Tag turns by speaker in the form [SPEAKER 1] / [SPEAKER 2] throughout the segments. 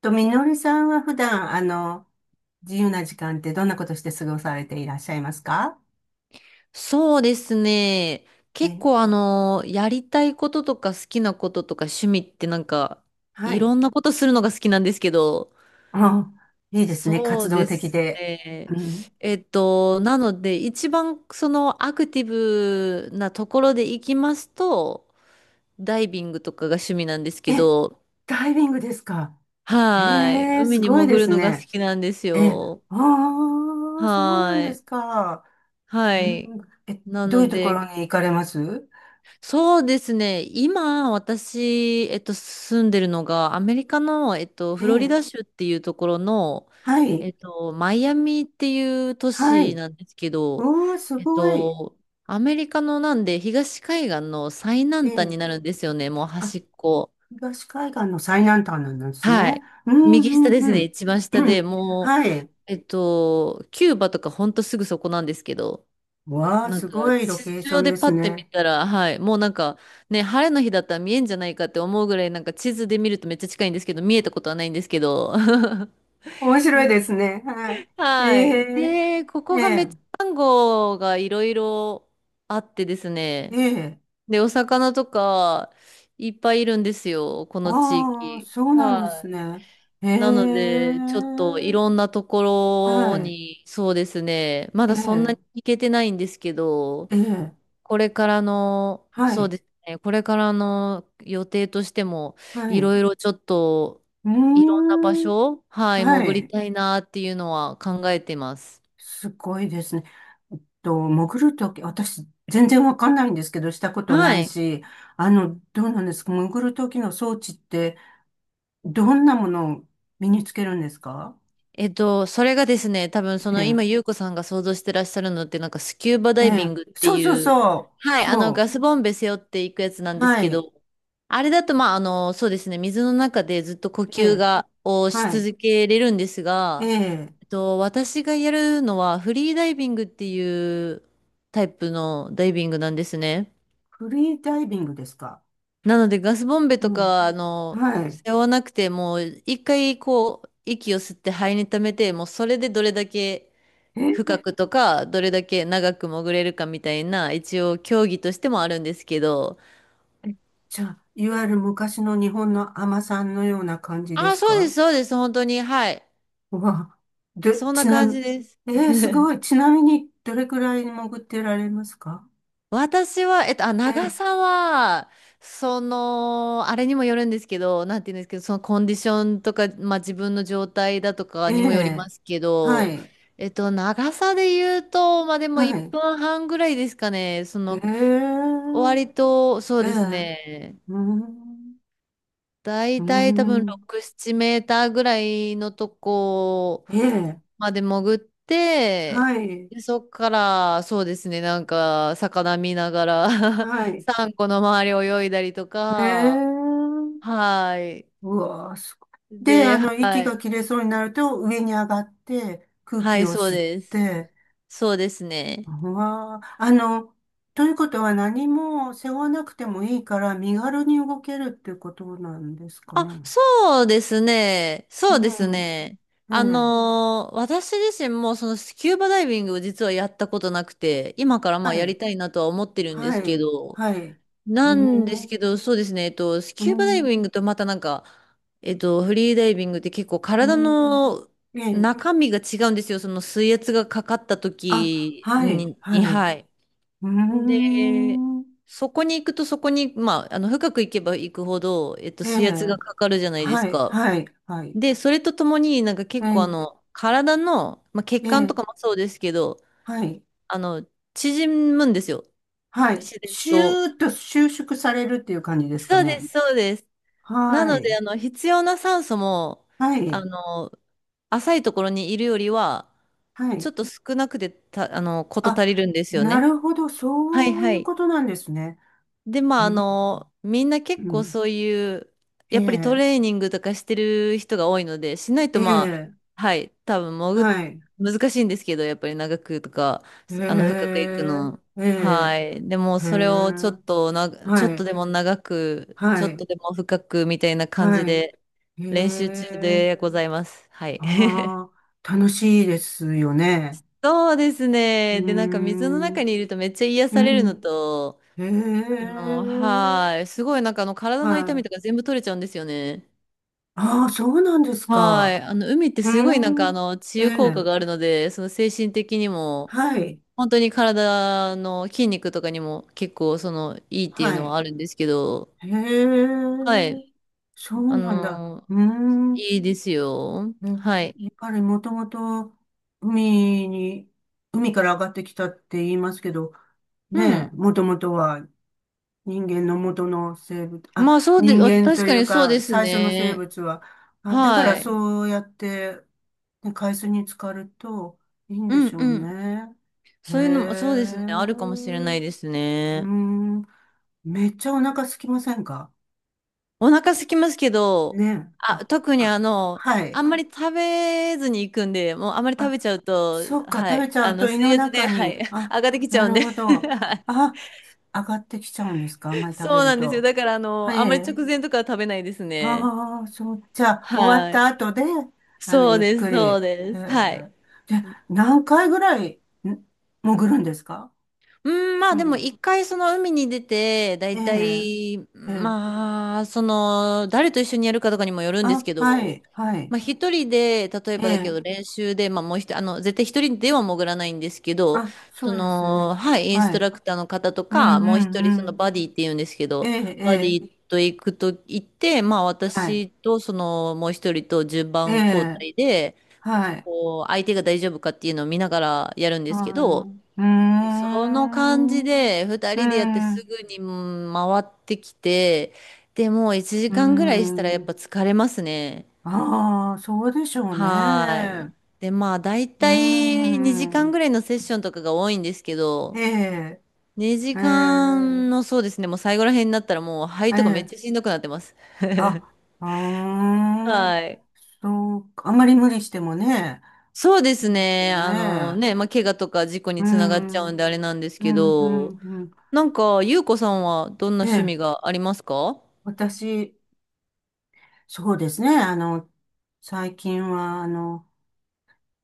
[SPEAKER 1] と、みのりさんは普段、自由な時間ってどんなことして過ごされていらっしゃいますか？
[SPEAKER 2] そうですね。結
[SPEAKER 1] え、
[SPEAKER 2] 構やりたいこととか好きなこととか趣味って
[SPEAKER 1] は
[SPEAKER 2] い
[SPEAKER 1] い。
[SPEAKER 2] ろんなことするのが好きなんですけど、
[SPEAKER 1] あ、いいですね。
[SPEAKER 2] そ
[SPEAKER 1] 活
[SPEAKER 2] う
[SPEAKER 1] 動
[SPEAKER 2] で
[SPEAKER 1] 的
[SPEAKER 2] す
[SPEAKER 1] で。う
[SPEAKER 2] ね。
[SPEAKER 1] ん。
[SPEAKER 2] なので、一番そのアクティブなところで行きますと、ダイビングとかが趣味なんですけ
[SPEAKER 1] え、
[SPEAKER 2] ど、
[SPEAKER 1] ダイビングですか？へ
[SPEAKER 2] はい。
[SPEAKER 1] え、
[SPEAKER 2] 海
[SPEAKER 1] す
[SPEAKER 2] に
[SPEAKER 1] ごい
[SPEAKER 2] 潜
[SPEAKER 1] で
[SPEAKER 2] る
[SPEAKER 1] す
[SPEAKER 2] のが好
[SPEAKER 1] ね。
[SPEAKER 2] きなんです
[SPEAKER 1] え、
[SPEAKER 2] よ。
[SPEAKER 1] ああ、そうなん
[SPEAKER 2] は
[SPEAKER 1] で
[SPEAKER 2] い。
[SPEAKER 1] すか。う
[SPEAKER 2] は
[SPEAKER 1] ん。
[SPEAKER 2] い。
[SPEAKER 1] え、
[SPEAKER 2] な
[SPEAKER 1] どういう
[SPEAKER 2] の
[SPEAKER 1] とこ
[SPEAKER 2] で、
[SPEAKER 1] ろに行かれます？
[SPEAKER 2] そうですね。今、私、住んでるのが、アメリカの、
[SPEAKER 1] え
[SPEAKER 2] フロリ
[SPEAKER 1] え、
[SPEAKER 2] ダ州っていうところの、
[SPEAKER 1] はい。
[SPEAKER 2] マイアミっていう都
[SPEAKER 1] は
[SPEAKER 2] 市
[SPEAKER 1] い。
[SPEAKER 2] なんですけど、
[SPEAKER 1] おー、す
[SPEAKER 2] えっ
[SPEAKER 1] ごい。
[SPEAKER 2] と、アメリカのなんで、東海岸の最
[SPEAKER 1] え
[SPEAKER 2] 南端に
[SPEAKER 1] え、
[SPEAKER 2] なるんですよね。もう
[SPEAKER 1] あ。
[SPEAKER 2] 端っこ。
[SPEAKER 1] 東海岸の最南端なんです
[SPEAKER 2] は
[SPEAKER 1] ね。
[SPEAKER 2] い。
[SPEAKER 1] うん
[SPEAKER 2] 右
[SPEAKER 1] う
[SPEAKER 2] 下です
[SPEAKER 1] んう
[SPEAKER 2] ね。
[SPEAKER 1] ん。
[SPEAKER 2] 一番下
[SPEAKER 1] う
[SPEAKER 2] で、
[SPEAKER 1] ん
[SPEAKER 2] もう、
[SPEAKER 1] はい。
[SPEAKER 2] キューバとかほんとすぐそこなんですけど、
[SPEAKER 1] わあ、すごいロ
[SPEAKER 2] 地
[SPEAKER 1] ケーショ
[SPEAKER 2] 上
[SPEAKER 1] ン
[SPEAKER 2] で
[SPEAKER 1] で
[SPEAKER 2] パ
[SPEAKER 1] す
[SPEAKER 2] ッて見
[SPEAKER 1] ね。
[SPEAKER 2] たら、はい、もうなんか、ね、晴れの日だったら見えんじゃないかって思うぐらい、なんか地図で見るとめっちゃ近いんですけど、見えたことはないんですけど。
[SPEAKER 1] 面白いですね。はい。え
[SPEAKER 2] はい。
[SPEAKER 1] え、
[SPEAKER 2] で、こ
[SPEAKER 1] え
[SPEAKER 2] こがめっち
[SPEAKER 1] え、
[SPEAKER 2] ゃサンゴがいろいろあってです
[SPEAKER 1] え
[SPEAKER 2] ね。
[SPEAKER 1] え、
[SPEAKER 2] で、お魚とかいっぱいいるんですよ、この地
[SPEAKER 1] ああ、
[SPEAKER 2] 域。
[SPEAKER 1] そうなんで
[SPEAKER 2] は
[SPEAKER 1] すね。え
[SPEAKER 2] い。なの
[SPEAKER 1] え、
[SPEAKER 2] で、ちょっといろんなところ
[SPEAKER 1] はい。
[SPEAKER 2] に、そうですね、ま
[SPEAKER 1] え
[SPEAKER 2] だそんなに
[SPEAKER 1] え、
[SPEAKER 2] 行けてないんですけど、
[SPEAKER 1] ええ、
[SPEAKER 2] これからの、
[SPEAKER 1] は
[SPEAKER 2] そう
[SPEAKER 1] い。
[SPEAKER 2] ですね、これからの予定としても、
[SPEAKER 1] は
[SPEAKER 2] い
[SPEAKER 1] い。
[SPEAKER 2] ろいろちょっと、
[SPEAKER 1] うー
[SPEAKER 2] いろんな場
[SPEAKER 1] ん。
[SPEAKER 2] 所、はい、
[SPEAKER 1] は
[SPEAKER 2] 潜り
[SPEAKER 1] い。
[SPEAKER 2] たいなっていうのは考えてます。
[SPEAKER 1] すごいですね。潜るとき、私、全然わかんないんですけど、したこと
[SPEAKER 2] は
[SPEAKER 1] ない
[SPEAKER 2] い。
[SPEAKER 1] し、どうなんですか、潜るときの装置って、どんなものを身につけるんですか？
[SPEAKER 2] それがですね、多分そ
[SPEAKER 1] え
[SPEAKER 2] の
[SPEAKER 1] え、
[SPEAKER 2] 今、ゆうこさんが想像してらっしゃるのって、なんかスキューバ
[SPEAKER 1] え
[SPEAKER 2] ダイビン
[SPEAKER 1] え、
[SPEAKER 2] グって
[SPEAKER 1] そう
[SPEAKER 2] い
[SPEAKER 1] そう
[SPEAKER 2] う、
[SPEAKER 1] そう、
[SPEAKER 2] はい、
[SPEAKER 1] そ
[SPEAKER 2] ガスボンベ背負っていくやつなん
[SPEAKER 1] う、
[SPEAKER 2] です
[SPEAKER 1] は
[SPEAKER 2] け
[SPEAKER 1] い、
[SPEAKER 2] ど、あれだと、まあ、そうですね、水の中でずっと呼
[SPEAKER 1] え
[SPEAKER 2] 吸
[SPEAKER 1] え、
[SPEAKER 2] が、をし
[SPEAKER 1] はい、
[SPEAKER 2] 続けれるんです
[SPEAKER 1] え
[SPEAKER 2] が、
[SPEAKER 1] え、
[SPEAKER 2] と、私がやるのはフリーダイビングっていうタイプのダイビングなんですね。
[SPEAKER 1] フリーダイビングですか？
[SPEAKER 2] なのでガスボンベ
[SPEAKER 1] う
[SPEAKER 2] と
[SPEAKER 1] ん、
[SPEAKER 2] か、
[SPEAKER 1] はい。
[SPEAKER 2] 背負わなくてもう一回こう息を吸って肺に溜めて、もうそれでどれだけ
[SPEAKER 1] え、
[SPEAKER 2] 深くとか、どれだけ長く潜れるかみたいな、一応競技としてもあるんですけど。
[SPEAKER 1] え、じゃあ、いわゆる昔の日本の海女さんのような感じで
[SPEAKER 2] ああ、
[SPEAKER 1] す
[SPEAKER 2] そうです、
[SPEAKER 1] か？
[SPEAKER 2] そうです、本当に。はい。
[SPEAKER 1] うわ、で、
[SPEAKER 2] そん
[SPEAKER 1] ち
[SPEAKER 2] な
[SPEAKER 1] な
[SPEAKER 2] 感
[SPEAKER 1] み、
[SPEAKER 2] じです。
[SPEAKER 1] すごい。ちなみに、どれくらい潜ってられますか？
[SPEAKER 2] 私は、
[SPEAKER 1] え
[SPEAKER 2] 長さは、その、あれにもよるんですけど、なんて言うんですけど、そのコンディションとか、まあ自分の状態だとか
[SPEAKER 1] え、
[SPEAKER 2] にもより
[SPEAKER 1] え、
[SPEAKER 2] ますけ
[SPEAKER 1] は
[SPEAKER 2] ど、
[SPEAKER 1] い、
[SPEAKER 2] 長さで言うと、まあでも
[SPEAKER 1] は
[SPEAKER 2] 1
[SPEAKER 1] い。
[SPEAKER 2] 分半ぐらいですかね、そ
[SPEAKER 1] え
[SPEAKER 2] の、
[SPEAKER 1] え、
[SPEAKER 2] 割と、そう
[SPEAKER 1] え
[SPEAKER 2] です
[SPEAKER 1] え、
[SPEAKER 2] ね、
[SPEAKER 1] うん、う
[SPEAKER 2] 大体多分
[SPEAKER 1] ん、
[SPEAKER 2] 6、7メーターぐらいのとこ
[SPEAKER 1] ええ、
[SPEAKER 2] まで潜って、
[SPEAKER 1] はい、
[SPEAKER 2] で、そっから、そうですね、なんか、魚見ながら
[SPEAKER 1] はい。
[SPEAKER 2] サンゴ の周り泳いだりと
[SPEAKER 1] え
[SPEAKER 2] か、
[SPEAKER 1] え、
[SPEAKER 2] はい。
[SPEAKER 1] うわあ、すごい。で、
[SPEAKER 2] で、
[SPEAKER 1] 息
[SPEAKER 2] は
[SPEAKER 1] が
[SPEAKER 2] い。
[SPEAKER 1] 切れそうになると、上に上がって、空
[SPEAKER 2] は
[SPEAKER 1] 気
[SPEAKER 2] い、
[SPEAKER 1] を
[SPEAKER 2] そう
[SPEAKER 1] 吸っ
[SPEAKER 2] です。
[SPEAKER 1] て、
[SPEAKER 2] そうですね。
[SPEAKER 1] わあ、ということは何も背負わなくてもいいから身軽に動けるっていうことなんですか
[SPEAKER 2] あ、
[SPEAKER 1] ね。
[SPEAKER 2] そうですね。
[SPEAKER 1] う
[SPEAKER 2] そうです
[SPEAKER 1] ん。
[SPEAKER 2] ね。
[SPEAKER 1] え
[SPEAKER 2] あ
[SPEAKER 1] え。
[SPEAKER 2] のー私自身もそのスキューバダイビングを実はやったことなくて、今からまあ
[SPEAKER 1] は
[SPEAKER 2] やり
[SPEAKER 1] い。
[SPEAKER 2] たいなとは思ってるんで
[SPEAKER 1] は
[SPEAKER 2] すけ
[SPEAKER 1] い。
[SPEAKER 2] ど、
[SPEAKER 1] はい。え
[SPEAKER 2] なんです
[SPEAKER 1] え。
[SPEAKER 2] けど、そうですね、ス
[SPEAKER 1] う
[SPEAKER 2] キューバダイ
[SPEAKER 1] ん。
[SPEAKER 2] ビングとまたなんか、フリーダイビングって結構
[SPEAKER 1] う
[SPEAKER 2] 体
[SPEAKER 1] ん。
[SPEAKER 2] の
[SPEAKER 1] ええ。
[SPEAKER 2] 中身が違うんですよ。その水圧がかかった
[SPEAKER 1] あ、
[SPEAKER 2] 時
[SPEAKER 1] はい。
[SPEAKER 2] に、に
[SPEAKER 1] はい。
[SPEAKER 2] はい。
[SPEAKER 1] うー
[SPEAKER 2] で、
[SPEAKER 1] ん。
[SPEAKER 2] そこに行くとそこに、まあ、深く行けば行くほど、
[SPEAKER 1] え
[SPEAKER 2] 水圧
[SPEAKER 1] え。
[SPEAKER 2] がかかるじゃないです
[SPEAKER 1] はい。
[SPEAKER 2] か。
[SPEAKER 1] はい。はい。
[SPEAKER 2] で、それとともになんか
[SPEAKER 1] え
[SPEAKER 2] 結構あ
[SPEAKER 1] え。
[SPEAKER 2] の、体の、まあ、血
[SPEAKER 1] え
[SPEAKER 2] 管と
[SPEAKER 1] え。
[SPEAKER 2] かもそうですけど、
[SPEAKER 1] はい。
[SPEAKER 2] あの、縮むんですよ。
[SPEAKER 1] はい。
[SPEAKER 2] 自然
[SPEAKER 1] シュ
[SPEAKER 2] と。
[SPEAKER 1] ーッと収縮されるっていう感じですか
[SPEAKER 2] そうです、
[SPEAKER 1] ね。
[SPEAKER 2] そうです。な
[SPEAKER 1] は
[SPEAKER 2] ので、
[SPEAKER 1] い。
[SPEAKER 2] 必要な酸素も、
[SPEAKER 1] は
[SPEAKER 2] あ
[SPEAKER 1] い。
[SPEAKER 2] の、浅いところにいるよりは、
[SPEAKER 1] は
[SPEAKER 2] ち
[SPEAKER 1] い。
[SPEAKER 2] ょっと少なくてた、あの、こと足り
[SPEAKER 1] あ、
[SPEAKER 2] るんですよ
[SPEAKER 1] な
[SPEAKER 2] ね。
[SPEAKER 1] るほど。
[SPEAKER 2] はい
[SPEAKER 1] そう
[SPEAKER 2] は
[SPEAKER 1] いう
[SPEAKER 2] い。
[SPEAKER 1] ことなんですね。
[SPEAKER 2] で、まあ、
[SPEAKER 1] うん
[SPEAKER 2] みんな
[SPEAKER 1] う
[SPEAKER 2] 結構
[SPEAKER 1] ん、
[SPEAKER 2] そういう、
[SPEAKER 1] え
[SPEAKER 2] やっぱりト
[SPEAKER 1] え、
[SPEAKER 2] レーニングとかしてる人が多いので、しない
[SPEAKER 1] え
[SPEAKER 2] とまあ、
[SPEAKER 1] え、
[SPEAKER 2] はい、多分潜っ、
[SPEAKER 1] はい。
[SPEAKER 2] 難しいんですけど、やっぱり長くとか、
[SPEAKER 1] え
[SPEAKER 2] 深くいく
[SPEAKER 1] え、
[SPEAKER 2] の。
[SPEAKER 1] ええ、
[SPEAKER 2] はい。でも、
[SPEAKER 1] ええ、
[SPEAKER 2] それをちょ
[SPEAKER 1] は
[SPEAKER 2] っと
[SPEAKER 1] い、
[SPEAKER 2] でも長く、ちょ
[SPEAKER 1] は
[SPEAKER 2] っ
[SPEAKER 1] い、
[SPEAKER 2] とでも深くみたいな感じ
[SPEAKER 1] はい。
[SPEAKER 2] で、
[SPEAKER 1] え
[SPEAKER 2] 練習中
[SPEAKER 1] え、
[SPEAKER 2] でございます。はい。
[SPEAKER 1] ああ、楽しいですよね。
[SPEAKER 2] そうです
[SPEAKER 1] うー
[SPEAKER 2] ね。で、なんか水の中
[SPEAKER 1] ん、
[SPEAKER 2] にいるとめっちゃ癒
[SPEAKER 1] う
[SPEAKER 2] されるの
[SPEAKER 1] ん、
[SPEAKER 2] と、
[SPEAKER 1] ええ、
[SPEAKER 2] すごいなんかあの体の痛
[SPEAKER 1] は
[SPEAKER 2] み
[SPEAKER 1] い。
[SPEAKER 2] とか全部取れちゃうんですよね。
[SPEAKER 1] ああ、そうなんです
[SPEAKER 2] はい。
[SPEAKER 1] か。
[SPEAKER 2] あの、海って
[SPEAKER 1] う
[SPEAKER 2] すごいなんか
[SPEAKER 1] ー
[SPEAKER 2] あ
[SPEAKER 1] ん、
[SPEAKER 2] の、治
[SPEAKER 1] え
[SPEAKER 2] 癒効果
[SPEAKER 1] え、
[SPEAKER 2] があるので、その精神的にも、
[SPEAKER 1] はい、
[SPEAKER 2] 本当に体の筋肉とかにも結構その、いいっていう
[SPEAKER 1] は
[SPEAKER 2] のは
[SPEAKER 1] い。
[SPEAKER 2] あるんですけど、
[SPEAKER 1] へ
[SPEAKER 2] はい。
[SPEAKER 1] え、そう
[SPEAKER 2] あ
[SPEAKER 1] なんだ。
[SPEAKER 2] の、
[SPEAKER 1] うーん。
[SPEAKER 2] いいですよ。
[SPEAKER 1] ね、
[SPEAKER 2] はい。
[SPEAKER 1] やっぱりもともと海に、海から上がってきたって言いますけど、
[SPEAKER 2] う
[SPEAKER 1] ねえ、
[SPEAKER 2] ん。
[SPEAKER 1] もともとは人間の元の生物、
[SPEAKER 2] まあ
[SPEAKER 1] あ、
[SPEAKER 2] そうで、
[SPEAKER 1] 人
[SPEAKER 2] あ
[SPEAKER 1] 間
[SPEAKER 2] 確
[SPEAKER 1] と
[SPEAKER 2] か
[SPEAKER 1] いう
[SPEAKER 2] にそう
[SPEAKER 1] か
[SPEAKER 2] です
[SPEAKER 1] 最初の生
[SPEAKER 2] ね。
[SPEAKER 1] 物は、あ、だから
[SPEAKER 2] はい。
[SPEAKER 1] そうやって、ね、海水に浸かるといいん
[SPEAKER 2] う
[SPEAKER 1] で
[SPEAKER 2] ん
[SPEAKER 1] しょう
[SPEAKER 2] うん。
[SPEAKER 1] ね。へ
[SPEAKER 2] そういうのも、そうですね。
[SPEAKER 1] え、
[SPEAKER 2] あるかもしれない
[SPEAKER 1] う
[SPEAKER 2] です
[SPEAKER 1] ー
[SPEAKER 2] ね。
[SPEAKER 1] ん、めっちゃお腹空きませんか？
[SPEAKER 2] お腹空きますけど、
[SPEAKER 1] ね。
[SPEAKER 2] あ、
[SPEAKER 1] あ、
[SPEAKER 2] 特に
[SPEAKER 1] あ、
[SPEAKER 2] あの、
[SPEAKER 1] は
[SPEAKER 2] あ
[SPEAKER 1] い。
[SPEAKER 2] んまり食べずに行くんで、もうあんまり食
[SPEAKER 1] あ、
[SPEAKER 2] べちゃうと、
[SPEAKER 1] そっか、
[SPEAKER 2] は
[SPEAKER 1] 食
[SPEAKER 2] い。
[SPEAKER 1] べちゃ
[SPEAKER 2] あ
[SPEAKER 1] う
[SPEAKER 2] の、
[SPEAKER 1] と胃
[SPEAKER 2] 水
[SPEAKER 1] の
[SPEAKER 2] 圧で、
[SPEAKER 1] 中
[SPEAKER 2] は
[SPEAKER 1] に、
[SPEAKER 2] い。
[SPEAKER 1] あ、
[SPEAKER 2] 上がってきち
[SPEAKER 1] な
[SPEAKER 2] ゃうん
[SPEAKER 1] る
[SPEAKER 2] で。
[SPEAKER 1] ほ ど。
[SPEAKER 2] はい。
[SPEAKER 1] あ、上がってきちゃうんですか、あんまり食べ
[SPEAKER 2] そう
[SPEAKER 1] る
[SPEAKER 2] なんですよ。
[SPEAKER 1] と？
[SPEAKER 2] だから、
[SPEAKER 1] は
[SPEAKER 2] あんまり
[SPEAKER 1] い。
[SPEAKER 2] 直前とかは食べないですね。
[SPEAKER 1] ああ、そう、じゃあ、終わっ
[SPEAKER 2] はい。
[SPEAKER 1] た後で、
[SPEAKER 2] そう
[SPEAKER 1] ゆっ
[SPEAKER 2] です、
[SPEAKER 1] くり。
[SPEAKER 2] そう
[SPEAKER 1] へ
[SPEAKER 2] です。はい。
[SPEAKER 1] え。で、何回ぐらい、潜るんですか？
[SPEAKER 2] うん、ま
[SPEAKER 1] そ
[SPEAKER 2] あでも
[SPEAKER 1] の、
[SPEAKER 2] 一回その海に出て、だ
[SPEAKER 1] え
[SPEAKER 2] いた
[SPEAKER 1] え、
[SPEAKER 2] い、
[SPEAKER 1] ええ。
[SPEAKER 2] まあ、その、誰と一緒にやるかとかにもよるんです
[SPEAKER 1] あ、
[SPEAKER 2] け
[SPEAKER 1] は
[SPEAKER 2] ど、
[SPEAKER 1] い、はい。
[SPEAKER 2] まあ一人で、例え
[SPEAKER 1] え
[SPEAKER 2] ばだけ
[SPEAKER 1] え。
[SPEAKER 2] ど練習で、まあもう一人、絶対一人では潜らないんですけど、
[SPEAKER 1] あ、
[SPEAKER 2] そ
[SPEAKER 1] そうですね。
[SPEAKER 2] の、はい、インス
[SPEAKER 1] は
[SPEAKER 2] ト
[SPEAKER 1] い。
[SPEAKER 2] ラクターの方と
[SPEAKER 1] うん、う
[SPEAKER 2] か、もう一人
[SPEAKER 1] ん、う
[SPEAKER 2] その
[SPEAKER 1] ん。
[SPEAKER 2] バディって言うんですけ
[SPEAKER 1] え
[SPEAKER 2] ど、
[SPEAKER 1] え、え
[SPEAKER 2] バデ
[SPEAKER 1] え。
[SPEAKER 2] ィと行くと行って、まあ
[SPEAKER 1] はい。
[SPEAKER 2] 私とその、もう一人と順
[SPEAKER 1] え
[SPEAKER 2] 番交
[SPEAKER 1] え、
[SPEAKER 2] 代で、
[SPEAKER 1] はい、
[SPEAKER 2] こう、相手が大丈夫かっていうのを見ながらやるんで
[SPEAKER 1] は
[SPEAKER 2] すけど、
[SPEAKER 1] い。うー
[SPEAKER 2] その感
[SPEAKER 1] ん、
[SPEAKER 2] じ
[SPEAKER 1] う
[SPEAKER 2] で2
[SPEAKER 1] ー
[SPEAKER 2] 人でやってす
[SPEAKER 1] ん、
[SPEAKER 2] ぐにうん回ってきてで、もう1
[SPEAKER 1] うー
[SPEAKER 2] 時間ぐらいしたらやっ
[SPEAKER 1] ん。
[SPEAKER 2] ぱ疲れますね。
[SPEAKER 1] ああ、そうでしょう
[SPEAKER 2] はー
[SPEAKER 1] ね。
[SPEAKER 2] い。でまあ大
[SPEAKER 1] うー
[SPEAKER 2] 体2時間
[SPEAKER 1] ん、
[SPEAKER 2] ぐらいのセッションとかが多いんですけ
[SPEAKER 1] え
[SPEAKER 2] ど、
[SPEAKER 1] え、
[SPEAKER 2] 2
[SPEAKER 1] え
[SPEAKER 2] 時
[SPEAKER 1] え、
[SPEAKER 2] 間の、そうですね、もう最後ら辺になったらもう肺
[SPEAKER 1] え
[SPEAKER 2] とかめっ
[SPEAKER 1] え、
[SPEAKER 2] ちゃしんどくなってます。
[SPEAKER 1] あ、うーん、
[SPEAKER 2] はい。
[SPEAKER 1] そうか、あまり無理してもね、
[SPEAKER 2] そうです
[SPEAKER 1] そうですよ
[SPEAKER 2] ね、あの
[SPEAKER 1] ね。
[SPEAKER 2] ね、まあ怪我とか事故
[SPEAKER 1] うー
[SPEAKER 2] につながっちゃ
[SPEAKER 1] ん、う
[SPEAKER 2] うん
[SPEAKER 1] ん、
[SPEAKER 2] であれなんです
[SPEAKER 1] う
[SPEAKER 2] けど、
[SPEAKER 1] ん、うん。
[SPEAKER 2] なんかゆうこさんはどんな
[SPEAKER 1] え
[SPEAKER 2] 趣
[SPEAKER 1] え、
[SPEAKER 2] 味がありますか？
[SPEAKER 1] 私、そうですね、最近は、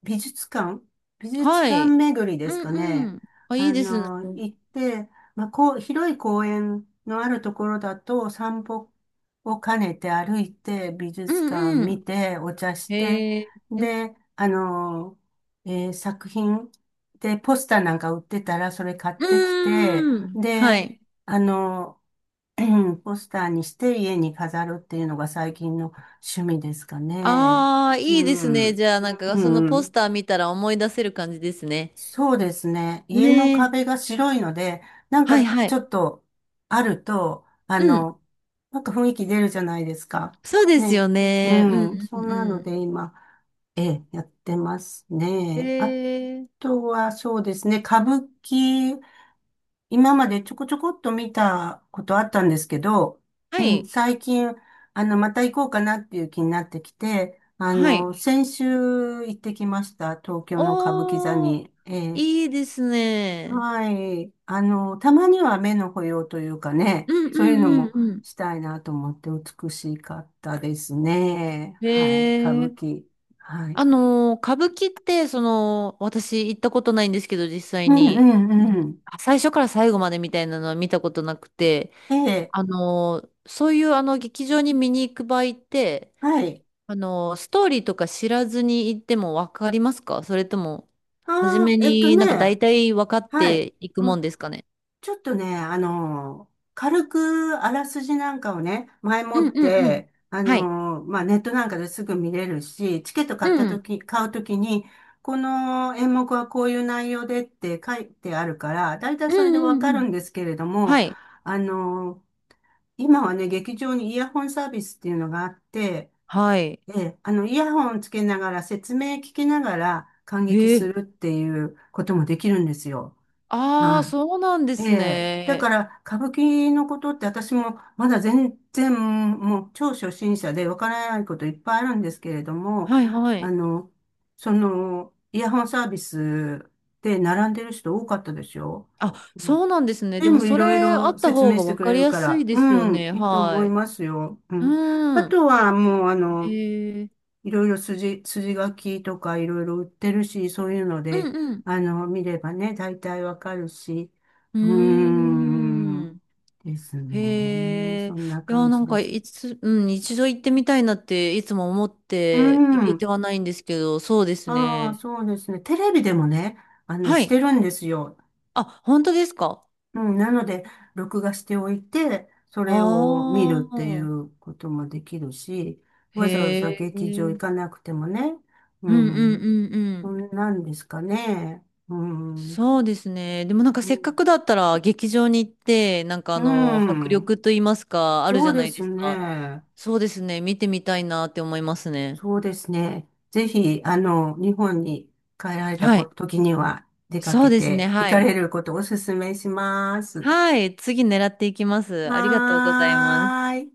[SPEAKER 1] 美術館美術
[SPEAKER 2] は
[SPEAKER 1] 館
[SPEAKER 2] い。
[SPEAKER 1] 巡りで
[SPEAKER 2] う
[SPEAKER 1] すか
[SPEAKER 2] ん
[SPEAKER 1] ね。
[SPEAKER 2] うん。あ、いいですね。う
[SPEAKER 1] 行って、まあ、こう、広い公園のあるところだと散歩を兼ねて歩いて、美
[SPEAKER 2] ん
[SPEAKER 1] 術館
[SPEAKER 2] う
[SPEAKER 1] 見
[SPEAKER 2] ん。
[SPEAKER 1] て、お茶して、
[SPEAKER 2] へえ。う
[SPEAKER 1] で、作品でポスターなんか売ってたらそれ買ってきて、
[SPEAKER 2] ーん。は
[SPEAKER 1] で、
[SPEAKER 2] い。
[SPEAKER 1] あの、ポスターにして家に飾るっていうのが最近の趣味ですかね。
[SPEAKER 2] ああ、
[SPEAKER 1] う
[SPEAKER 2] いいですね。
[SPEAKER 1] ん。
[SPEAKER 2] じゃあ、なんか、
[SPEAKER 1] う
[SPEAKER 2] そのポス
[SPEAKER 1] ん。
[SPEAKER 2] ター見たら思い出せる感じですね。
[SPEAKER 1] そうですね。
[SPEAKER 2] ね
[SPEAKER 1] 家の
[SPEAKER 2] え。
[SPEAKER 1] 壁が白いので、なん
[SPEAKER 2] はい
[SPEAKER 1] か
[SPEAKER 2] は
[SPEAKER 1] ちょ
[SPEAKER 2] い。
[SPEAKER 1] っとあると、
[SPEAKER 2] うん。
[SPEAKER 1] なんか雰囲気出るじゃないですか。
[SPEAKER 2] そうです
[SPEAKER 1] ね。
[SPEAKER 2] よね。う
[SPEAKER 1] うん。
[SPEAKER 2] んう
[SPEAKER 1] そんな
[SPEAKER 2] ん
[SPEAKER 1] の
[SPEAKER 2] う
[SPEAKER 1] で今、ええ、やってます
[SPEAKER 2] ん。へ
[SPEAKER 1] ね。あ
[SPEAKER 2] え。
[SPEAKER 1] とはそうですね。歌舞伎、今までちょこちょこっと見たことあったんですけど、う
[SPEAKER 2] は
[SPEAKER 1] ん、
[SPEAKER 2] い。
[SPEAKER 1] 最近、また行こうかなっていう気になってきて、
[SPEAKER 2] はい。
[SPEAKER 1] 先週行ってきました。東京の歌舞伎座
[SPEAKER 2] おー、
[SPEAKER 1] に。ええ、
[SPEAKER 2] いいですね。
[SPEAKER 1] はい。たまには目の保養というかね、
[SPEAKER 2] うん
[SPEAKER 1] そういうの
[SPEAKER 2] うん
[SPEAKER 1] も
[SPEAKER 2] うんう
[SPEAKER 1] したいなと思って美しかったですね。
[SPEAKER 2] ん。
[SPEAKER 1] はい。歌
[SPEAKER 2] へ
[SPEAKER 1] 舞
[SPEAKER 2] え。
[SPEAKER 1] 伎。はい。
[SPEAKER 2] あのー、歌舞伎って、その、私行ったことないんですけど、実際
[SPEAKER 1] うんう
[SPEAKER 2] に、
[SPEAKER 1] んうん。
[SPEAKER 2] あ最初から最後までみたいなのは見たことなくて、
[SPEAKER 1] ええ。
[SPEAKER 2] あのー、そういうあの劇場に見に行く場合って、
[SPEAKER 1] はい。
[SPEAKER 2] あのー、ストーリーとか知らずに行ってもわかりますか？それとも、初
[SPEAKER 1] ああ、
[SPEAKER 2] めになんか大
[SPEAKER 1] ね。
[SPEAKER 2] 体分かっ
[SPEAKER 1] はい。
[SPEAKER 2] ていくも
[SPEAKER 1] ま
[SPEAKER 2] んですかね？
[SPEAKER 1] ちょっとね、軽くあらすじなんかをね、前
[SPEAKER 2] う
[SPEAKER 1] も
[SPEAKER 2] ん
[SPEAKER 1] っ
[SPEAKER 2] うんうん。
[SPEAKER 1] て、
[SPEAKER 2] はい。
[SPEAKER 1] まあ、ネットなんかですぐ見れるし、チケット
[SPEAKER 2] うん。
[SPEAKER 1] 買うときに、この演目はこういう内容でって書いてあるから、だいたい
[SPEAKER 2] う
[SPEAKER 1] それで
[SPEAKER 2] ん
[SPEAKER 1] わ
[SPEAKER 2] うん
[SPEAKER 1] か
[SPEAKER 2] う
[SPEAKER 1] る
[SPEAKER 2] ん。
[SPEAKER 1] んですけれども、
[SPEAKER 2] はい。
[SPEAKER 1] あの、今はね、劇場にイヤホンサービスっていうのがあって、
[SPEAKER 2] はい。
[SPEAKER 1] ええ、イヤホンつけながら説明聞きながら観
[SPEAKER 2] え
[SPEAKER 1] 劇す
[SPEAKER 2] ー、
[SPEAKER 1] るっていうこともできるんですよ。
[SPEAKER 2] ああ、
[SPEAKER 1] は
[SPEAKER 2] そうなんで
[SPEAKER 1] い、え
[SPEAKER 2] す
[SPEAKER 1] え。だか
[SPEAKER 2] ね。
[SPEAKER 1] ら、歌舞伎のことって私もまだ全然もう超初心者でわからないこといっぱいあるんですけれども、
[SPEAKER 2] はいは
[SPEAKER 1] あ
[SPEAKER 2] い。
[SPEAKER 1] の、イヤホンサービスで並んでる人多かったでしょ？
[SPEAKER 2] あ、
[SPEAKER 1] うん、
[SPEAKER 2] そうなんですね。で
[SPEAKER 1] 全
[SPEAKER 2] も
[SPEAKER 1] 部い
[SPEAKER 2] そ
[SPEAKER 1] ろい
[SPEAKER 2] れあ
[SPEAKER 1] ろ
[SPEAKER 2] った
[SPEAKER 1] 説
[SPEAKER 2] 方
[SPEAKER 1] 明
[SPEAKER 2] が
[SPEAKER 1] して
[SPEAKER 2] 分
[SPEAKER 1] く
[SPEAKER 2] か
[SPEAKER 1] れ
[SPEAKER 2] り
[SPEAKER 1] る
[SPEAKER 2] や
[SPEAKER 1] か
[SPEAKER 2] すい
[SPEAKER 1] ら、
[SPEAKER 2] ですよ
[SPEAKER 1] うん、
[SPEAKER 2] ね。
[SPEAKER 1] いいと思
[SPEAKER 2] は
[SPEAKER 1] い
[SPEAKER 2] い。
[SPEAKER 1] ますよ。うん。あ
[SPEAKER 2] うん。
[SPEAKER 1] とはもう
[SPEAKER 2] へえ。
[SPEAKER 1] いろいろ筋書きとかいろいろ売ってるし、そういうの
[SPEAKER 2] う
[SPEAKER 1] で、
[SPEAKER 2] ん
[SPEAKER 1] 見ればね、大体わかるし、
[SPEAKER 2] う
[SPEAKER 1] うー
[SPEAKER 2] ん。
[SPEAKER 1] ん、
[SPEAKER 2] うーん。
[SPEAKER 1] ですね。
[SPEAKER 2] へえ。
[SPEAKER 1] そんな
[SPEAKER 2] いや、
[SPEAKER 1] 感
[SPEAKER 2] な
[SPEAKER 1] じ
[SPEAKER 2] ん
[SPEAKER 1] で
[SPEAKER 2] か
[SPEAKER 1] す。
[SPEAKER 2] いつ、うん、一度行ってみたいなっていつも思っ
[SPEAKER 1] うー
[SPEAKER 2] て行け
[SPEAKER 1] ん、
[SPEAKER 2] てはないんですけど、そうです
[SPEAKER 1] ああ、
[SPEAKER 2] ね。
[SPEAKER 1] そうですね。テレビでもね、
[SPEAKER 2] は
[SPEAKER 1] し
[SPEAKER 2] い。
[SPEAKER 1] てるんですよ。
[SPEAKER 2] あ、本当ですか？
[SPEAKER 1] うん、なので、録画しておいて、それを見る
[SPEAKER 2] あ
[SPEAKER 1] っ
[SPEAKER 2] あ
[SPEAKER 1] てい
[SPEAKER 2] ー。
[SPEAKER 1] うこともできるし、わざわざ
[SPEAKER 2] へえ。う
[SPEAKER 1] 劇場行
[SPEAKER 2] ん
[SPEAKER 1] かなくてもね、う
[SPEAKER 2] うんう
[SPEAKER 1] ん、
[SPEAKER 2] んう
[SPEAKER 1] そ
[SPEAKER 2] ん。
[SPEAKER 1] んなんですかね。うん。う
[SPEAKER 2] そうですね。でもなんか
[SPEAKER 1] ん
[SPEAKER 2] せっかくだったら劇場に行って、なんか
[SPEAKER 1] う
[SPEAKER 2] あの、迫
[SPEAKER 1] ん。
[SPEAKER 2] 力と言いますか、あるじ
[SPEAKER 1] そう
[SPEAKER 2] ゃな
[SPEAKER 1] で
[SPEAKER 2] いで
[SPEAKER 1] す
[SPEAKER 2] すか。
[SPEAKER 1] ね。
[SPEAKER 2] そうですね。見てみたいなって思いますね。
[SPEAKER 1] そうですね。ぜひ、日本に帰られた
[SPEAKER 2] はい。
[SPEAKER 1] 時には出か
[SPEAKER 2] そう
[SPEAKER 1] け
[SPEAKER 2] ですね。
[SPEAKER 1] て行
[SPEAKER 2] は
[SPEAKER 1] か
[SPEAKER 2] い。
[SPEAKER 1] れることをお勧めします。
[SPEAKER 2] はい。次狙っていきます。ありがとうございます。
[SPEAKER 1] はーい。